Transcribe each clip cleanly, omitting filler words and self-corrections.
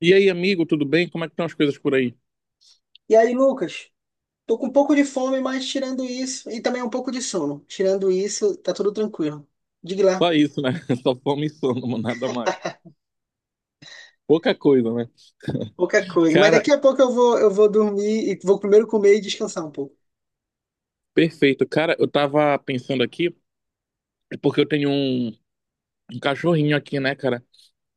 E aí, amigo, tudo bem? Como é que estão as coisas por aí? E aí, Lucas, tô com um pouco de fome, mas tirando isso, e também um pouco de sono. Tirando isso, tá tudo tranquilo. Diga lá, Só isso, né? Só fome e sono, mano, nada mais. Pouca coisa, né? pouca coisa. Mas Cara, daqui a pouco eu vou dormir e vou primeiro comer e descansar um pouco. perfeito. Cara, eu tava pensando aqui, é porque um cachorrinho aqui, né, cara?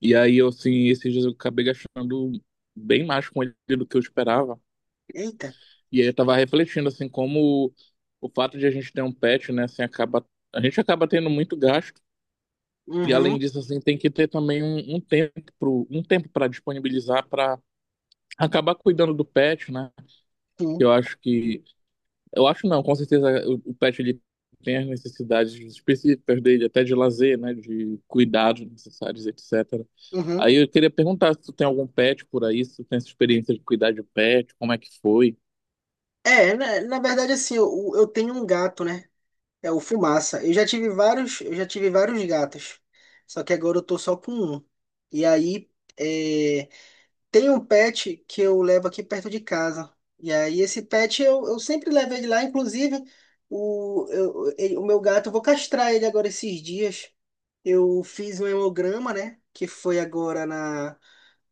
E aí, eu, assim, esses dias eu acabei gastando bem mais com ele do que eu esperava. Eita. E aí eu tava refletindo, assim, como o fato de a gente ter um pet, né, assim, acaba. A gente acaba tendo muito gasto. E Uhum, além disso, assim, tem que ter também um tempo um tempo para disponibilizar para acabar cuidando do pet, né? sim, Eu acho que. Eu acho não, com certeza o pet ele tem as necessidades específicas dele, até de lazer, né? De cuidados necessários, etc. uhum. Aí eu queria perguntar se tu tem algum pet por aí, se tu tem essa experiência de cuidar de pet, como é que foi? Na verdade, assim, eu tenho um gato, né? É o Fumaça. Eu já tive vários gatos. Só que agora eu tô só com um. E aí, é, tem um pet que eu levo aqui perto de casa. E aí, esse pet eu sempre levo ele lá. Inclusive, o meu gato, eu vou castrar ele agora esses dias. Eu fiz um hemograma, né? Que foi agora na,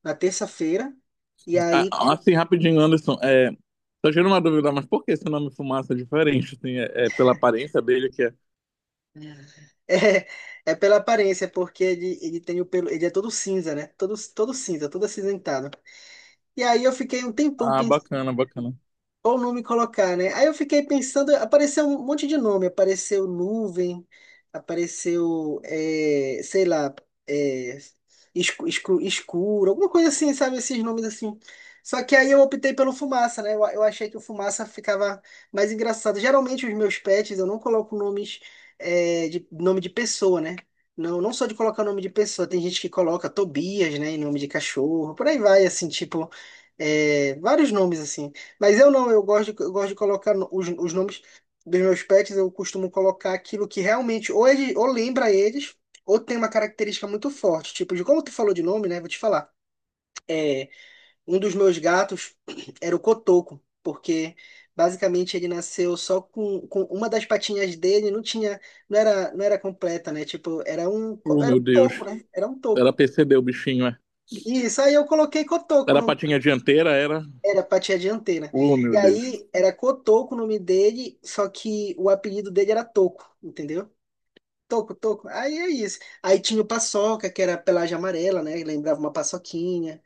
na terça-feira. E aí, Ah, assim, rapidinho, Anderson, tô tirando uma dúvida, mas por que esse nome Fumaça é diferente? Assim, é pela aparência dele que é... é, é pela aparência, porque ele tem o pelo, ele é todo cinza, né? Todo cinza, todo acinzentado. E aí, eu fiquei um tempão Ah, bacana, bacana. qual nome colocar, né? Aí eu fiquei pensando, apareceu um monte de nome, apareceu nuvem, apareceu, é, sei lá, é, escu- escu- escuro, alguma coisa assim, sabe? Esses nomes assim. Só que aí eu optei pelo Fumaça, né? Eu achei que o Fumaça ficava mais engraçado. Geralmente os meus pets eu não coloco nomes, de nome de pessoa, né? Não, não só de colocar nome de pessoa, tem gente que coloca Tobias, né, em nome de cachorro, por aí vai, assim, tipo, vários nomes assim. Mas eu não, eu gosto de colocar os nomes dos meus pets, eu costumo colocar aquilo que realmente ou, ele, ou lembra eles, ou tem uma característica muito forte. Tipo, de como tu falou de nome, né? Vou te falar. É, um dos meus gatos era o Cotoco, porque basicamente ele nasceu só com uma das patinhas dele, não tinha, não era completa, né? Tipo, era um, co- Oh, era meu um toco, Deus. né? Era um Era toco. PCD o bichinho, é. Isso, aí eu coloquei Cotoco Era a no. patinha dianteira, era... Era pati a dianteira. Oh, E meu Deus. aí era Cotoco o nome dele, só que o apelido dele era Toco, entendeu? Toco, Toco. Aí é isso. Aí tinha o Paçoca, que era pelagem amarela, né? Lembrava uma paçoquinha.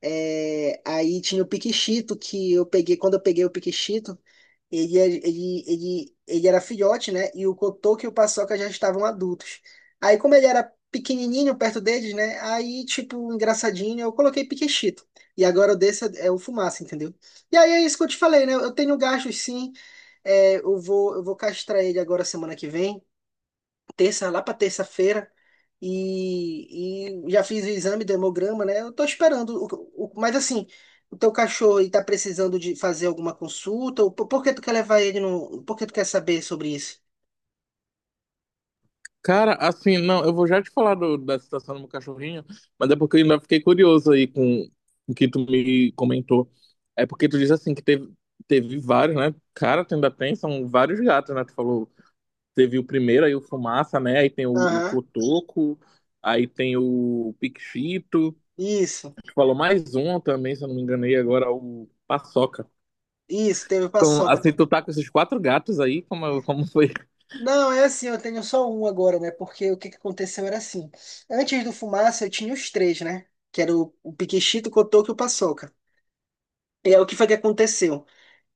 Aí tinha o Piquichito, que eu peguei, quando eu peguei o Piquichito ele, é- ele era filhote, né? E o Kotoko e o Paçoca já estavam adultos. Aí, como ele era pequenininho perto deles, né? Aí, tipo, engraçadinho, eu coloquei Piquechito. E agora o desse é o Fumaça, entendeu? E aí é isso que eu te falei, né? Eu tenho gastos, sim. É, eu vou castrar ele agora semana que vem terça, lá para terça-feira, e já fiz o exame do hemograma, né? Eu tô esperando. Mas assim, o teu cachorro ele tá precisando de fazer alguma consulta? Ou por que tu quer levar ele no? Por que tu quer saber sobre isso? Cara, assim, não, eu vou já te falar da situação do meu cachorrinho, mas é porque eu ainda fiquei curioso aí com o que tu me comentou. É porque tu diz assim que teve, teve vários, né? Cara, tu ainda tem, são vários gatos, né? Tu falou, teve o primeiro, aí o Fumaça, né? Aí tem o Aham, Cotoco, aí tem o Piquito, isso, tu falou mais um também, se eu não me enganei, agora o Paçoca. isso, teve Então, Paçoca assim, tu também. tá com esses quatro gatos aí, como foi? Não, é assim, eu tenho só um agora, né? Porque o que que aconteceu era assim. Antes do Fumaça, eu tinha os três, né? Que era o Piquechito, o Cotoco e o Paçoca. E aí, o que foi que aconteceu?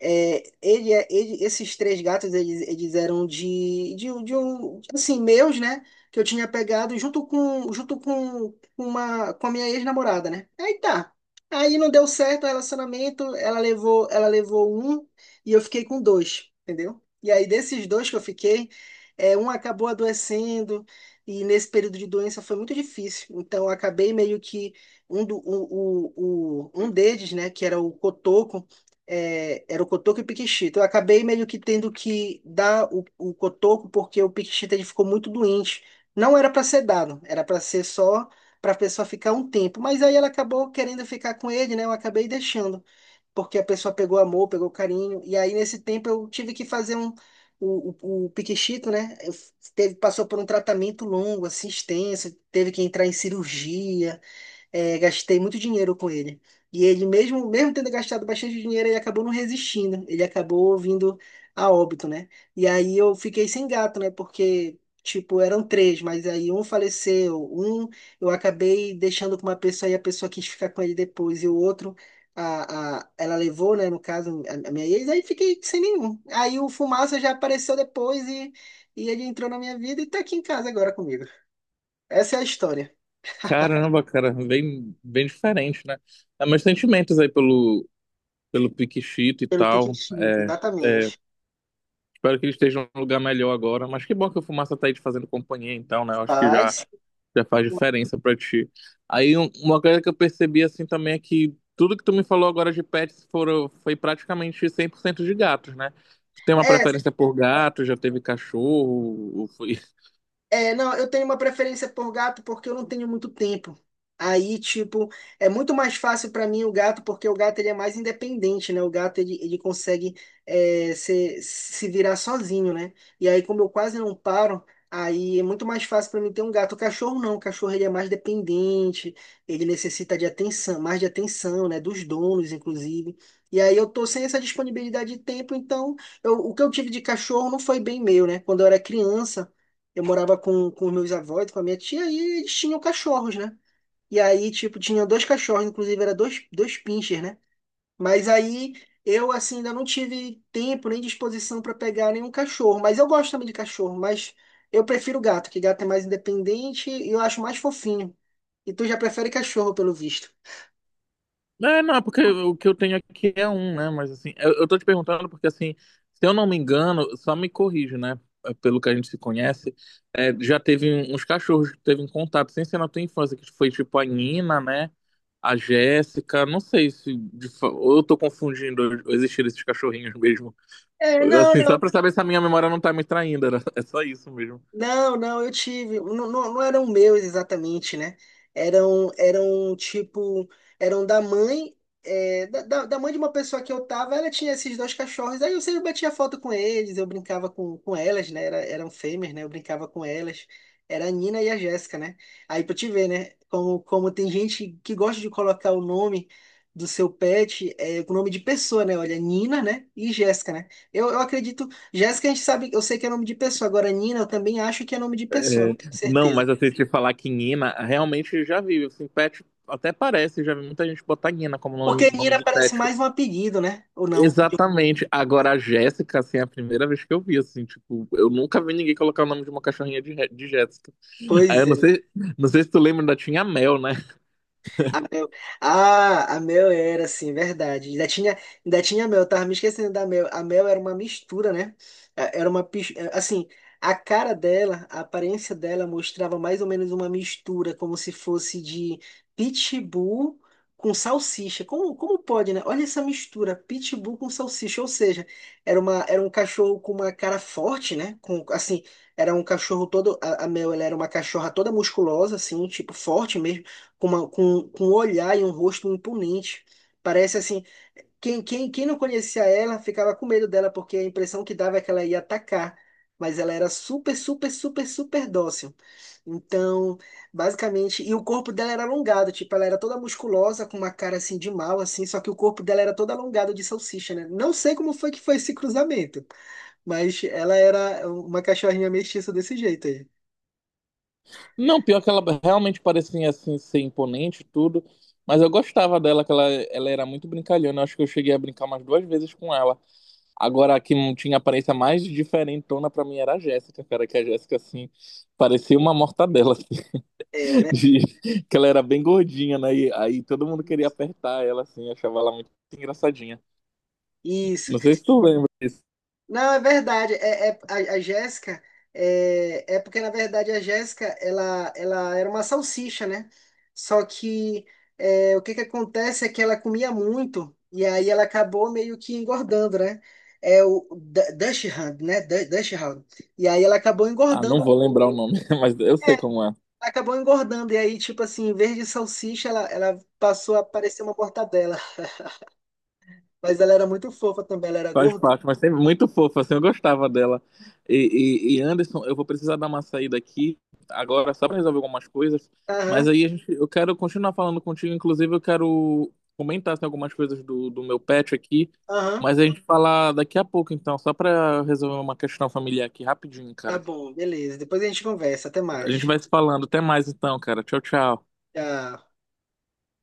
Esses três gatos, eles eram de um, assim, meus, né? Que eu tinha pegado junto com uma, com a minha ex-namorada, né? Aí tá. Aí não deu certo o relacionamento, ela levou um e eu fiquei com dois, entendeu? E aí desses dois que eu fiquei, um acabou adoecendo e nesse período de doença foi muito difícil. Então eu acabei meio que um, do, o- um deles, né? Que era o Cotoco, era o Cotoco e o Piquixita. Eu acabei meio que tendo que dar o Cotoco, porque o Piquixita ele ficou muito doente. Não era para ser dado, era para ser só para a pessoa ficar um tempo. Mas aí ela acabou querendo ficar com ele, né? Eu acabei deixando, porque a pessoa pegou amor, pegou carinho. E aí nesse tempo eu tive que fazer um o, o Piquixito, né? Teve, passou por um tratamento longo, assim, extenso, teve que entrar em cirurgia. É, gastei muito dinheiro com ele. E ele, mesmo tendo gastado bastante dinheiro, ele acabou não resistindo. Ele acabou vindo a óbito, né? E aí eu fiquei sem gato, né? Porque, tipo, eram três, mas aí um faleceu, um eu acabei deixando com uma pessoa e a pessoa quis ficar com ele depois, e o outro. Ela levou, né, no caso, a minha ex, aí fiquei sem nenhum. Aí o Fumaça já apareceu depois e ele entrou na minha vida e tá aqui em casa agora comigo. Essa é a história. Caramba, cara, bem diferente, né? Ah, mas sentimentos aí pelo Piquixito e Pelo tal. Piquetito, É, é, exatamente. espero que ele esteja em um lugar melhor agora. Mas que bom que o Fumaça tá aí te fazendo companhia, então, né? Eu acho que Ai, já, sim. já faz diferença pra ti. Aí uma coisa que eu percebi assim também é que tudo que tu me falou agora de pets foi praticamente 100% de gatos, né? Tu tem uma É, preferência por gato, já teve cachorro, ou foi, não, eu tenho uma preferência por gato porque eu não tenho muito tempo. Aí, tipo, é muito mais fácil para mim o gato, porque o gato ele é mais independente, né? O gato ele consegue se virar sozinho, né? E aí, como eu quase não paro, aí é muito mais fácil para mim ter um gato. O cachorro não, o cachorro ele é mais dependente, ele necessita de atenção, mais de atenção, né? Dos donos, inclusive. E aí eu tô sem essa disponibilidade de tempo, então o que eu tive de cachorro não foi bem meu, né? Quando eu era criança eu morava com os meus avós, com a minha tia, e eles tinham cachorros, né? E aí, tipo, tinha dois cachorros, inclusive era dois, dois pinchers, né? Mas aí eu, assim, ainda não tive tempo nem disposição para pegar nenhum cachorro. Mas eu gosto também de cachorro, mas eu prefiro gato, que gato é mais independente e eu acho mais fofinho. E tu já prefere cachorro, pelo visto. é, não, porque o que eu tenho aqui é um, né? Mas assim, eu tô te perguntando porque assim, se eu não me engano, só me corrijo, né? Pelo que a gente se conhece, já teve uns cachorros que teve um contato, sem ser na tua infância, que foi tipo a Nina, né? A Jéssica, não sei se ou eu tô confundindo ou esses cachorrinhos mesmo. Não, Assim, só não. pra saber se a minha memória não tá me traindo, é só isso mesmo. Não, não, eu tive. Não, não, não eram meus exatamente, né? Eram tipo, eram da mãe, da da mãe de uma pessoa que eu tava, ela tinha esses dois cachorros, aí eu sempre batia foto com eles, eu brincava com elas, né? Era, eram fêmeas, né? Eu brincava com elas. Era a Nina e a Jéssica, né? Aí pra te ver, né? Como, como tem gente que gosta de colocar o nome do seu pet com o nome de pessoa, né? Olha, Nina, né? E Jéssica, né? Eu acredito Jéssica, a gente sabe, eu sei que é nome de pessoa. Agora, Nina, eu também acho que é nome de pessoa, É, não tenho não, certeza. mas assim, te falar que Nina, realmente já vi, assim, pet até parece, já vi muita gente botar Nina como nome, Porque nome Nina de parece pet. mais um apelido, né? Ou não? Exatamente. Agora a Jéssica, assim, é a primeira vez que eu vi, assim, tipo, eu nunca vi ninguém colocar o nome de uma cachorrinha de, de Jéssica. Aí Pois eu não sei, não sei se tu lembra, ainda tinha a Mel, né? a Mel. Ah, a Mel era, sim, verdade. Ainda tinha Mel, eu tava me esquecendo da Mel. A Mel era uma mistura, né? Era uma, assim, a cara dela, a aparência dela mostrava mais ou menos uma mistura, como se fosse de pitbull com salsicha. Como, como pode, né? Olha essa mistura, pitbull com salsicha, ou seja, era um cachorro com uma cara forte, né? Com, assim, era um cachorro todo, a Mel, ela era uma cachorra toda musculosa, assim, tipo, forte mesmo com, com um olhar e um rosto imponente. Parece assim, quem não conhecia ela ficava com medo dela, porque a impressão que dava é que ela ia atacar, mas ela era super dócil. Então, basicamente, e o corpo dela era alongado, tipo, ela era toda musculosa, com uma cara assim de mal, assim, só que o corpo dela era todo alongado de salsicha, né? Não sei como foi que foi esse cruzamento, mas ela era uma cachorrinha mestiça desse jeito aí. Não, pior que ela realmente parecia, assim, ser imponente e tudo, mas eu gostava dela, que ela era muito brincalhona, eu acho que eu cheguei a brincar umas duas vezes com ela. Agora, a que tinha aparência mais diferentona pra mim era a Jéssica, cara, que a Jéssica, assim, parecia uma mortadela, assim, Era verdade. de... que ela era bem gordinha, né? E aí todo mundo queria Isso. apertar ela, assim, achava ela muito engraçadinha. Isso. Não sei se tu lembra disso. Não, é verdade. A Jéssica é porque, na verdade, a Jéssica ela era uma salsicha, né? Só que o que que acontece é que ela comia muito e aí ela acabou meio que engordando, né? É o Dachshund, né? Dachshund. E aí ela acabou Ah, não engordando um vou lembrar o pouco. nome, mas eu É, sei ela como é. acabou engordando. E aí, tipo assim, em vez de salsicha, ela passou a parecer uma mortadela. Mas ela era muito fofa também, ela era Faz gordo. parte, mas sempre muito fofa, assim, eu gostava dela. Anderson, eu vou precisar dar uma saída aqui agora só para resolver algumas coisas, mas Aham. aí a gente, eu quero continuar falando contigo, inclusive eu quero comentar assim, algumas coisas do meu pet aqui, Aham, mas a gente falar daqui a pouco então, só para resolver uma questão familiar aqui rapidinho, tá cara. bom, beleza. Depois a gente conversa. Até A gente mais. vai se falando, até mais então, cara. Tchau, tchau. Tchau.